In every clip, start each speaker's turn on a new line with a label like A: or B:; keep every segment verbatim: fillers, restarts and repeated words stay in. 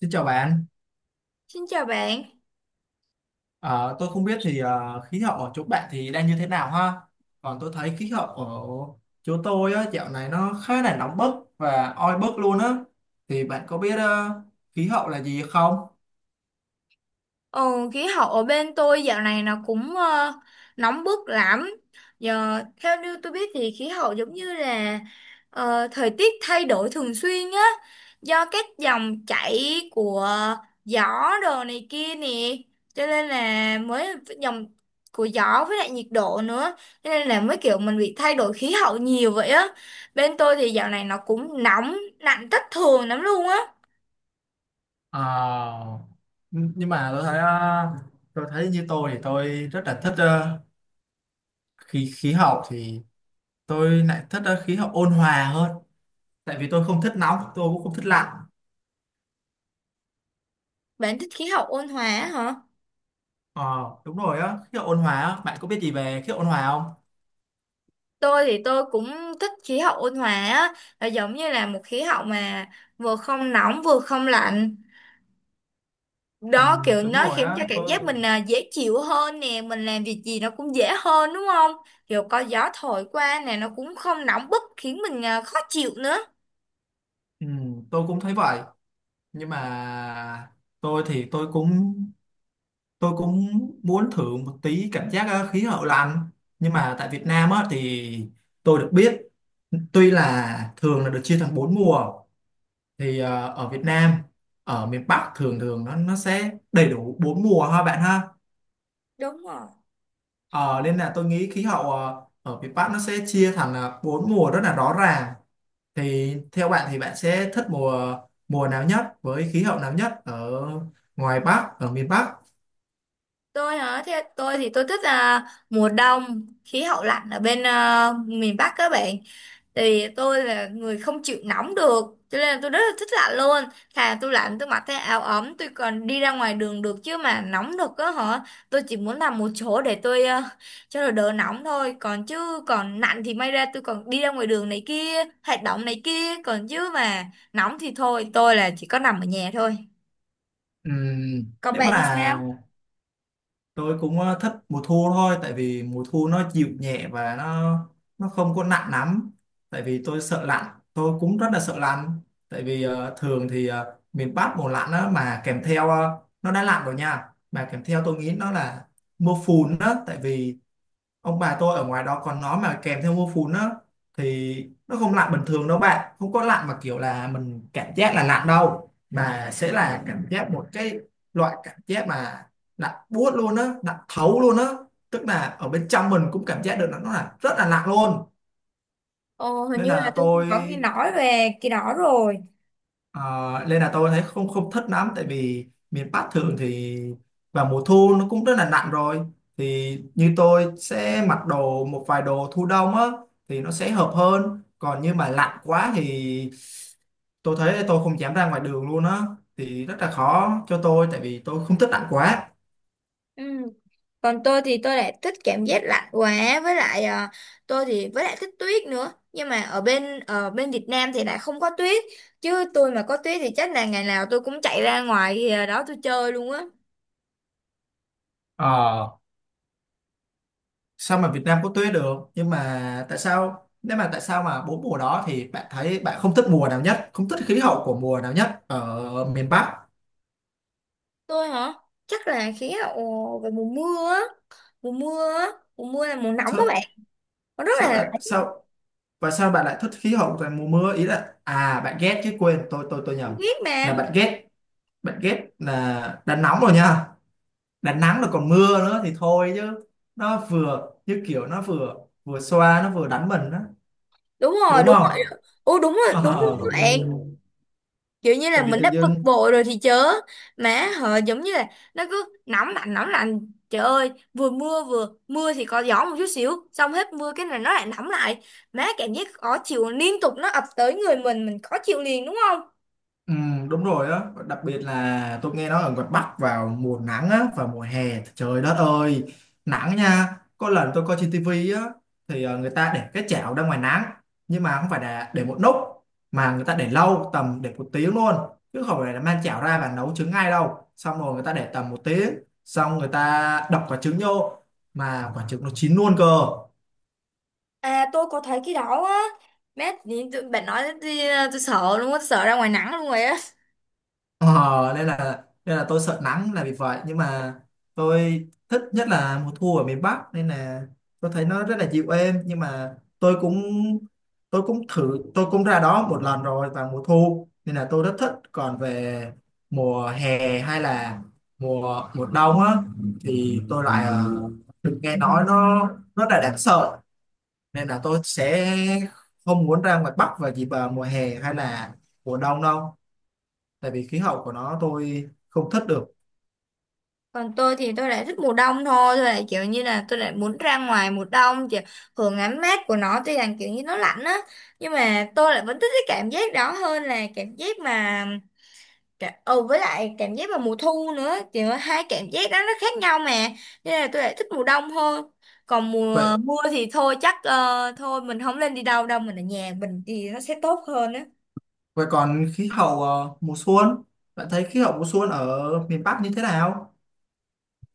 A: Xin chào bạn.
B: Xin chào bạn.
A: Ờ, tôi không biết thì ờ, khí hậu ở chỗ bạn thì đang như thế nào ha. Còn tôi thấy khí hậu ở chỗ tôi á, dạo này nó khá là nóng bức và oi bức luôn á. Thì bạn có biết ờ, khí hậu là gì không?
B: Ồ, khí hậu ở bên tôi dạo này nó cũng ờ, nóng bức lắm. Giờ theo như tôi biết thì khí hậu giống như là ờ, thời tiết thay đổi thường xuyên á, do các dòng chảy của gió đồ này kia nè, cho nên là mới dòng của gió với lại nhiệt độ nữa, cho nên là mới kiểu mình bị thay đổi khí hậu nhiều vậy á. Bên tôi thì dạo này nó cũng nóng, lạnh thất thường lắm luôn á.
A: Ờ, nh- nhưng mà tôi thấy ờ, tôi thấy như tôi thì tôi rất là thích ờ, khí khí hậu thì tôi lại thích ờ, khí hậu ôn hòa hơn. Tại vì tôi không thích nóng, tôi cũng không thích lạnh.
B: Bạn thích khí hậu ôn hòa á hả?
A: Ờ, đúng rồi á, khí hậu ôn hòa á. Bạn có biết gì về khí hậu ôn hòa không?
B: Tôi thì tôi cũng thích khí hậu ôn hòa á, là giống như là một khí hậu mà vừa không nóng vừa không lạnh.
A: Ừ,
B: Đó kiểu
A: đúng
B: nó
A: rồi
B: khiến
A: á.
B: cho cảm
A: tôi
B: giác mình à, dễ chịu hơn nè, mình làm việc gì nó cũng dễ hơn đúng không? Kiểu có gió thổi qua nè nó cũng không nóng bức khiến mình à, khó chịu nữa.
A: ừ, tôi cũng thấy vậy nhưng mà tôi thì tôi cũng tôi cũng muốn thử một tí cảm giác ờ, khí hậu lạnh, nhưng mà tại Việt Nam á thì tôi được biết, tuy là thường là được chia thành bốn mùa, thì ờ, ở Việt Nam, ở miền Bắc thường thường nó nó sẽ đầy đủ bốn mùa ha bạn ha.
B: Đúng rồi.
A: Ờ, Nên là tôi nghĩ khí hậu ờ, ở miền Bắc nó sẽ chia thành ờ, bốn mùa rất là rõ ràng. Thì theo bạn thì bạn sẽ thích mùa mùa nào nhất, với khí hậu nào nhất ở ngoài Bắc, ở miền Bắc?
B: Tôi hả? Theo tôi thì tôi thích à, mùa đông, khí hậu lạnh ở bên à, miền Bắc các bạn. Thì tôi là người không chịu nóng được, cho nên là tôi rất là thích lạnh luôn. Thà tôi lạnh tôi mặc cái áo ấm tôi còn đi ra ngoài đường được, chứ mà nóng được á hả, tôi chỉ muốn nằm một chỗ để tôi ờ, cho nó đỡ nóng thôi. Còn chứ còn lạnh thì may ra tôi còn đi ra ngoài đường này kia, hoạt động này kia, còn chứ mà nóng thì thôi, tôi là chỉ có nằm ở nhà thôi.
A: Ừm,
B: Còn
A: nếu
B: bạn thì
A: mà
B: sao?
A: tôi cũng ờ, thích mùa thu thôi, tại vì mùa thu nó dịu nhẹ và nó nó không có nặng lắm. Tại vì tôi sợ lạnh, tôi cũng rất là sợ lạnh. Tại vì ờ, thường thì ờ, miền Bắc mùa lạnh đó mà kèm theo ờ, nó đã lạnh rồi nha. Mà kèm theo tôi nghĩ nó là mưa phùn đó, tại vì ông bà tôi ở ngoài đó, còn nó mà kèm theo mưa phùn á thì nó không lạnh bình thường đâu bạn, không có lạnh mà kiểu là mình cảm giác là lạnh đâu, mà sẽ là cảm giác một cái loại cảm giác mà lạnh buốt luôn á, lạnh thấu luôn á, tức là ở bên trong mình cũng cảm giác được là nó là rất là lạnh luôn.
B: Ồ, hình
A: Nên
B: như là
A: là
B: tôi cũng
A: tôi
B: có nghe nói về cái đó rồi.
A: Ờ, nên là tôi thấy không không thích lắm, tại vì miền Bắc thường thì vào mùa thu nó cũng rất là nặng rồi, thì như tôi sẽ mặc đồ một vài đồ thu đông á thì nó sẽ hợp hơn, còn như mà lạnh quá thì tôi thấy tôi không dám ra ngoài đường luôn á, thì rất là khó cho tôi tại vì tôi không thích lạnh quá.
B: Ừ, còn tôi thì tôi lại thích cảm giác lạnh quá, với lại à, tôi thì với lại thích tuyết nữa, nhưng mà ở bên ở bên Việt Nam thì lại không có tuyết, chứ tôi mà có tuyết thì chắc là ngày nào tôi cũng chạy ra ngoài à, đó tôi chơi luôn á.
A: Ờ, Sao mà Việt Nam có tuyết được, nhưng mà tại sao nếu mà tại sao mà bốn mùa đó thì bạn thấy bạn không thích mùa nào nhất, không thích khí hậu của mùa nào nhất ở miền Bắc?
B: Tôi hả? Chắc là khí hậu về mùa mưa á mùa mưa á mùa mưa là mùa nóng các bạn, nó rất
A: Sao
B: là lạnh.
A: là sao, và sao bạn lại thích khí hậu toàn mùa mưa? Ý là à, bạn ghét chứ, quên, tôi tôi tôi
B: Tôi
A: nhầm,
B: biết
A: là
B: mà.
A: bạn ghét. Bạn ghét là đã nóng rồi nha, đã nắng rồi còn mưa nữa thì thôi chứ. Nó vừa như kiểu nó vừa vừa xoa nó vừa đánh mình đó,
B: Đúng rồi,
A: đúng
B: đúng
A: không?
B: rồi. Ừ, đúng rồi, đúng rồi
A: Ờ.
B: các bạn. Kiểu như là
A: Tại vì
B: mình đã
A: tự
B: bực
A: dưng.
B: bội rồi thì chớ, mà họ giống như là nó cứ nóng lạnh nóng lạnh, trời ơi, vừa mưa vừa mưa thì có gió một chút xíu, xong hết mưa cái này nó lại nóng lại, má cảm giác khó chịu liên tục nó ập tới người mình mình khó chịu liền đúng không?
A: Ừ, đúng rồi đó, đặc biệt là tôi nghe nói ở ngoài Bắc vào mùa nắng á và mùa hè, trời đất ơi, nắng nha. Có lần tôi coi trên tivi á, thì ờ, người ta để cái chảo ra ngoài nắng, nhưng mà không phải là để một lúc, mà người ta để lâu tầm để một tiếng luôn, chứ không phải là mang chảo ra và nấu trứng ngay đâu, xong rồi người ta để tầm một tiếng, xong người ta đập quả trứng vô, mà quả trứng nó chín luôn cơ.
B: À, tôi có thấy cái đó á. Má tự nhiên tụi- bạn nói thì tôi sợ luôn á, tôi sợ ra ngoài nắng luôn rồi á.
A: Ờ, nên là nên là tôi sợ nắng là vì vậy, nhưng mà tôi thích nhất là mùa thu ở miền Bắc, nên là tôi thấy nó rất là dịu êm. Nhưng mà tôi cũng tôi cũng thử, tôi cũng ra đó một lần rồi vào mùa thu nên là tôi rất thích. Còn về mùa hè hay là mùa mùa đông á, thì tôi lại ờ, được nghe nói nó rất là đáng sợ, nên là tôi sẽ không muốn ra ngoài Bắc vào dịp ờ, mùa hè hay là mùa đông đâu, tại vì khí hậu của nó tôi không thất được.
B: Còn tôi thì tôi lại thích mùa đông thôi, tôi lại kiểu như là tôi lại muốn ra ngoài mùa đông, kiểu hưởng ánh mát của nó, tuy rằng kiểu như nó lạnh á, nhưng mà tôi lại vẫn thích cái cảm giác đó hơn là cảm giác mà cả- ừ với lại cảm giác vào mùa thu nữa, kiểu hai cảm giác đó nó khác nhau mà, nên là tôi lại thích mùa đông hơn. Còn mùa
A: Vậy
B: mưa thì thôi, chắc ờ, thôi mình không lên đi đâu đâu, mình ở nhà mình thì nó sẽ tốt hơn á.
A: Vậy còn khí hậu ờ, mùa xuân, bạn thấy khí hậu mùa xuân ở miền Bắc như thế nào?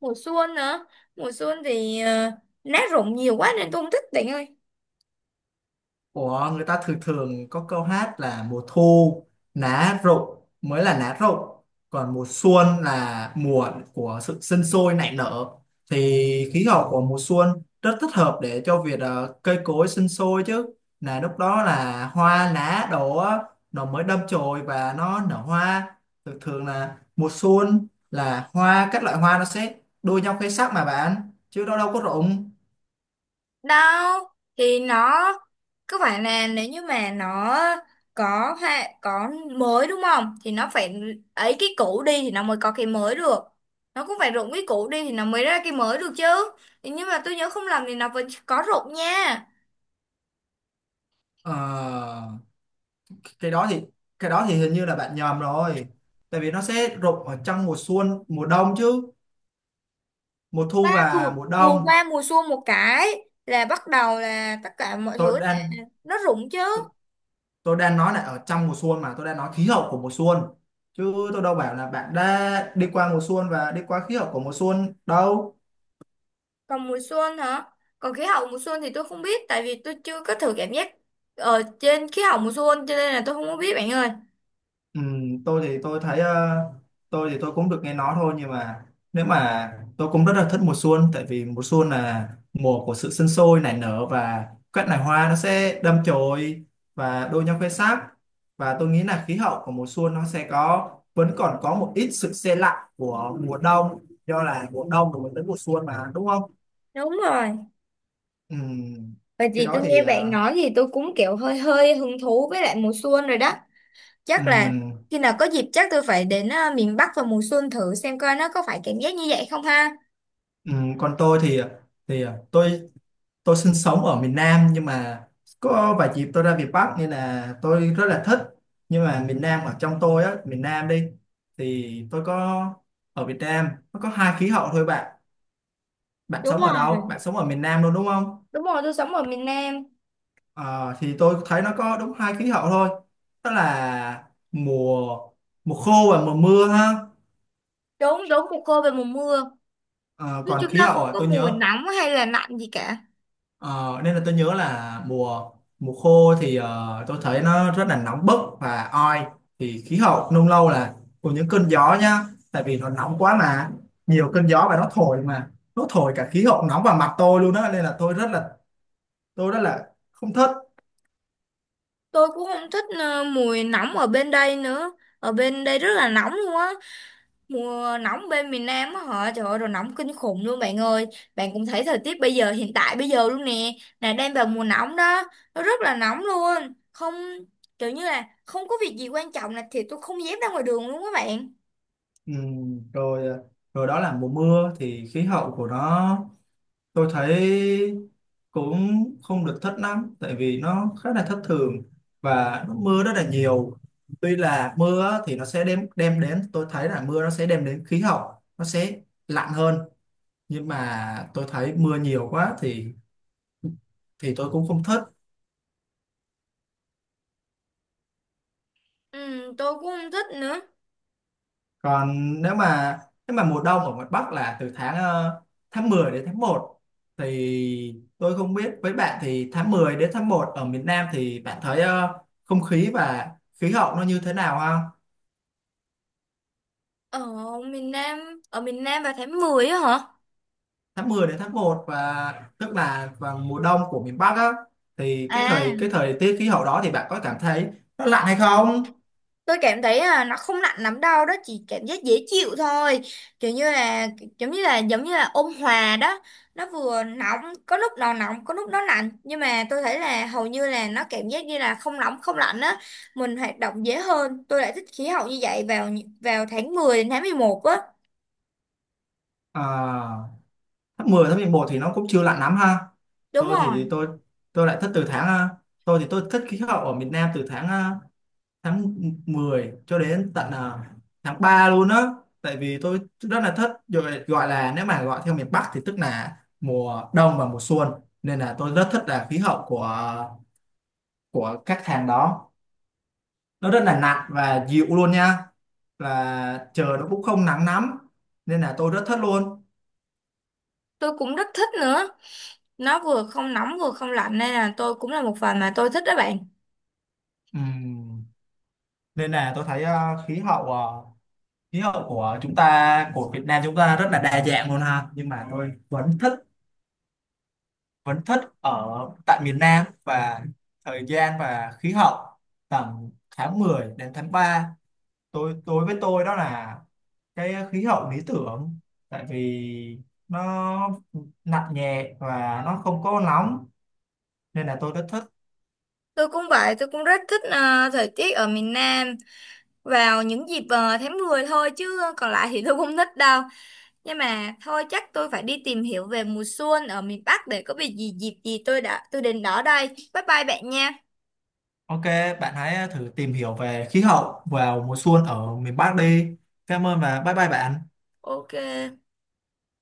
B: Mùa xuân nữa. Mùa xuân thì ờ, lá rụng nhiều quá nên tôi không thích bạn ơi.
A: Ủa, người ta thường thường có câu hát là mùa thu lá rụng mới là lá rụng, còn mùa xuân là mùa của sự sinh sôi nảy nở, thì khí hậu của mùa xuân rất thích hợp để cho việc ờ, cây cối sinh sôi chứ. Là lúc đó là hoa lá đổ á, nó mới đâm chồi và nó nở hoa. Thường thường là mùa xuân là hoa, các loại hoa nó sẽ đua nhau khoe sắc mà bạn, chứ nó đâu có rụng.
B: Đâu, thì nó cứ phải là nếu như mà nó có ha, có mới đúng không, thì nó phải ấy cái cũ đi thì nó mới có cái mới được, nó cũng phải rụng cái cũ đi thì nó mới ra cái mới được chứ. Thì nhưng mà tôi nhớ không lầm thì nó vẫn có rụng nha.
A: Ờ, cái đó thì cái đó thì hình như là bạn nhầm rồi, tại vì nó sẽ rụng ở trong mùa xuân mùa đông chứ, mùa
B: Ba
A: thu
B: vừa,
A: và mùa
B: vừa
A: đông.
B: qua mùa xuân một cái là bắt đầu là tất cả mọi
A: tôi
B: thứ
A: đang
B: nó rụng chứ.
A: tôi, tôi đang nói là ở trong mùa xuân, mà tôi đang nói khí hậu của mùa xuân, chứ tôi đâu bảo là bạn đã đi qua mùa xuân và đi qua khí hậu của mùa xuân đâu.
B: Còn mùa xuân hả? Còn khí hậu mùa xuân thì tôi không biết, tại vì tôi chưa có thử cảm giác ở trên khí hậu mùa xuân, cho nên là tôi không có biết bạn ơi.
A: Ừ, tôi thì tôi thấy ờ, tôi thì tôi cũng được nghe nói thôi, nhưng mà nếu mà tôi cũng rất là thích mùa xuân, tại vì mùa xuân là mùa của sự sinh sôi nảy nở và các loài hoa nó sẽ đâm chồi và đua nhau khoe sắc. Và tôi nghĩ là khí hậu của mùa xuân nó sẽ có vẫn còn có một ít sự se lạnh của mùa đông, do là mùa đông rồi mình đến mùa xuân mà, đúng không?
B: Đúng rồi,
A: Ừ,
B: bởi
A: cái
B: vì
A: đó
B: tôi
A: thì
B: nghe bạn
A: ờ,
B: nói thì tôi cũng kiểu hơi hơi hứng thú với lại mùa xuân rồi đó.
A: ừ,
B: Chắc là khi nào có dịp chắc tôi phải đến à, miền Bắc vào mùa xuân thử xem coi nó có phải cảm giác như vậy không ha.
A: ừ, còn tôi thì thì ờ, tôi tôi sinh sống ở miền Nam, nhưng mà có vài dịp tôi ra miền Bắc nên là tôi rất là thích. Nhưng mà miền Nam ở trong tôi á, miền Nam đi, thì tôi có, ở Việt Nam nó có hai khí hậu thôi bạn. Bạn
B: Đúng
A: sống ở
B: rồi,
A: đâu, bạn sống ở miền Nam luôn đúng không?
B: đúng rồi, tôi sống ở miền Nam.
A: Ờ, thì tôi thấy nó có đúng hai khí hậu thôi, đó là mùa mùa khô và mùa mưa ha.
B: Đúng, đúng, mùa khô về mùa mưa.
A: Ờ,
B: Chứ
A: còn
B: chúng
A: khí
B: ta
A: hậu
B: không
A: ở
B: có
A: tôi
B: mùi
A: nhớ.
B: nóng hay là lạnh gì cả.
A: Ờ, nên là tôi nhớ là mùa mùa khô thì ờ, tôi thấy nó rất là nóng bức và oi, thì khí hậu nung lâu là cùng những cơn gió nhá, tại vì nó nóng quá mà, nhiều cơn gió và nó thổi, mà nó thổi cả khí hậu nóng vào mặt tôi luôn đó, nên là tôi rất là tôi rất là không thích.
B: Tôi cũng không thích à, mùi nóng ở bên đây nữa. Ở bên đây rất là nóng luôn á. Mùa nóng bên miền Nam á hả? Trời ơi, rồi nóng kinh khủng luôn bạn ơi. Bạn cũng thấy thời tiết bây giờ, hiện tại bây giờ luôn nè. Là đang vào mùa nóng đó. Nó rất là nóng luôn. Không, kiểu như là không có việc gì quan trọng là thì tôi không dám ra ngoài đường luôn các bạn.
A: Ừm, rồi ờ, rồi đó là mùa mưa thì khí hậu của nó tôi thấy cũng không được thất lắm, tại vì nó khá là thất thường và nó mưa rất là nhiều. Tuy là mưa á, thì nó sẽ đem đem đến, tôi thấy là mưa nó sẽ đem đến khí hậu, nó sẽ lạnh hơn, nhưng mà tôi thấy mưa nhiều quá thì thì tôi cũng không thích.
B: Ừ, tôi cũng không thích nữa.
A: Còn nếu mà Nếu mà mùa đông ở ngoài Bắc là từ tháng ờ, tháng mười đến tháng một, thì tôi không biết với bạn thì tháng mười đến tháng một ở miền Nam thì bạn thấy ờ, không khí và khí hậu nó như thế nào ha?
B: Ở miền Nam, ở miền Nam vào tháng mười á hả?
A: Tháng mười đến tháng một, và tức là vào mùa đông của miền Bắc á, thì cái
B: À,
A: thời cái thời tiết khí hậu đó thì bạn có cảm thấy nó lạnh hay không?
B: tôi cảm thấy là nó không nặng lắm đâu, đó chỉ cảm giác dễ chịu thôi, kiểu như là giống như là giống như là ôn hòa đó. Nó vừa nóng, có lúc nó nóng có lúc nó lạnh, nhưng mà tôi thấy là hầu như là nó cảm giác như là không nóng không lạnh á, mình hoạt động dễ hơn. Tôi lại thích khí hậu như vậy vào vào tháng mười đến tháng mười một á.
A: À, tháng mười tháng mười một thì nó cũng chưa lạnh lắm ha.
B: Đúng
A: tôi thì
B: rồi.
A: thì tôi tôi lại thích từ tháng ờ, tôi thì tôi thích khí hậu ở miền Nam từ tháng ờ, tháng mười cho đến tận à, tháng ba luôn á, tại vì tôi rất là thích, rồi gọi là nếu mà gọi theo miền Bắc thì tức là mùa đông và mùa xuân, nên là tôi rất thích là khí hậu của của các tháng đó, nó rất là nặng và dịu luôn nha, và trời nó cũng không nắng lắm, nên là tôi rất thích luôn.
B: Tôi cũng rất thích nữa, nó vừa không nóng vừa không lạnh nên là tôi cũng là một phần mà tôi thích đó bạn.
A: Ừm, nên là tôi thấy à, khí hậu à, khí hậu của chúng ta, của Việt Nam chúng ta rất là đa dạng luôn ha, nhưng mà tôi vẫn thích vẫn thích ở tại miền Nam, và thời gian và khí hậu tầm tháng mười đến tháng ba, tôi tôi với tôi đó là cái khí hậu lý tưởng, tại vì nó nặng nhẹ và nó không có nóng, nên là tôi rất thích.
B: Tôi cũng vậy, tôi cũng rất thích ờ, thời tiết ở miền Nam vào những dịp ờ, tháng mười thôi, chứ còn lại thì tôi không thích đâu. Nhưng mà thôi chắc tôi phải đi tìm hiểu về mùa xuân ở miền Bắc, để có việc gì dịp gì tôi đã tôi đến đó đây. Bye bye bạn nha.
A: Ok, bạn hãy thử tìm hiểu về khí hậu vào mùa xuân ở miền Bắc đi. Cảm ơn, và bye bye bạn.
B: Ok.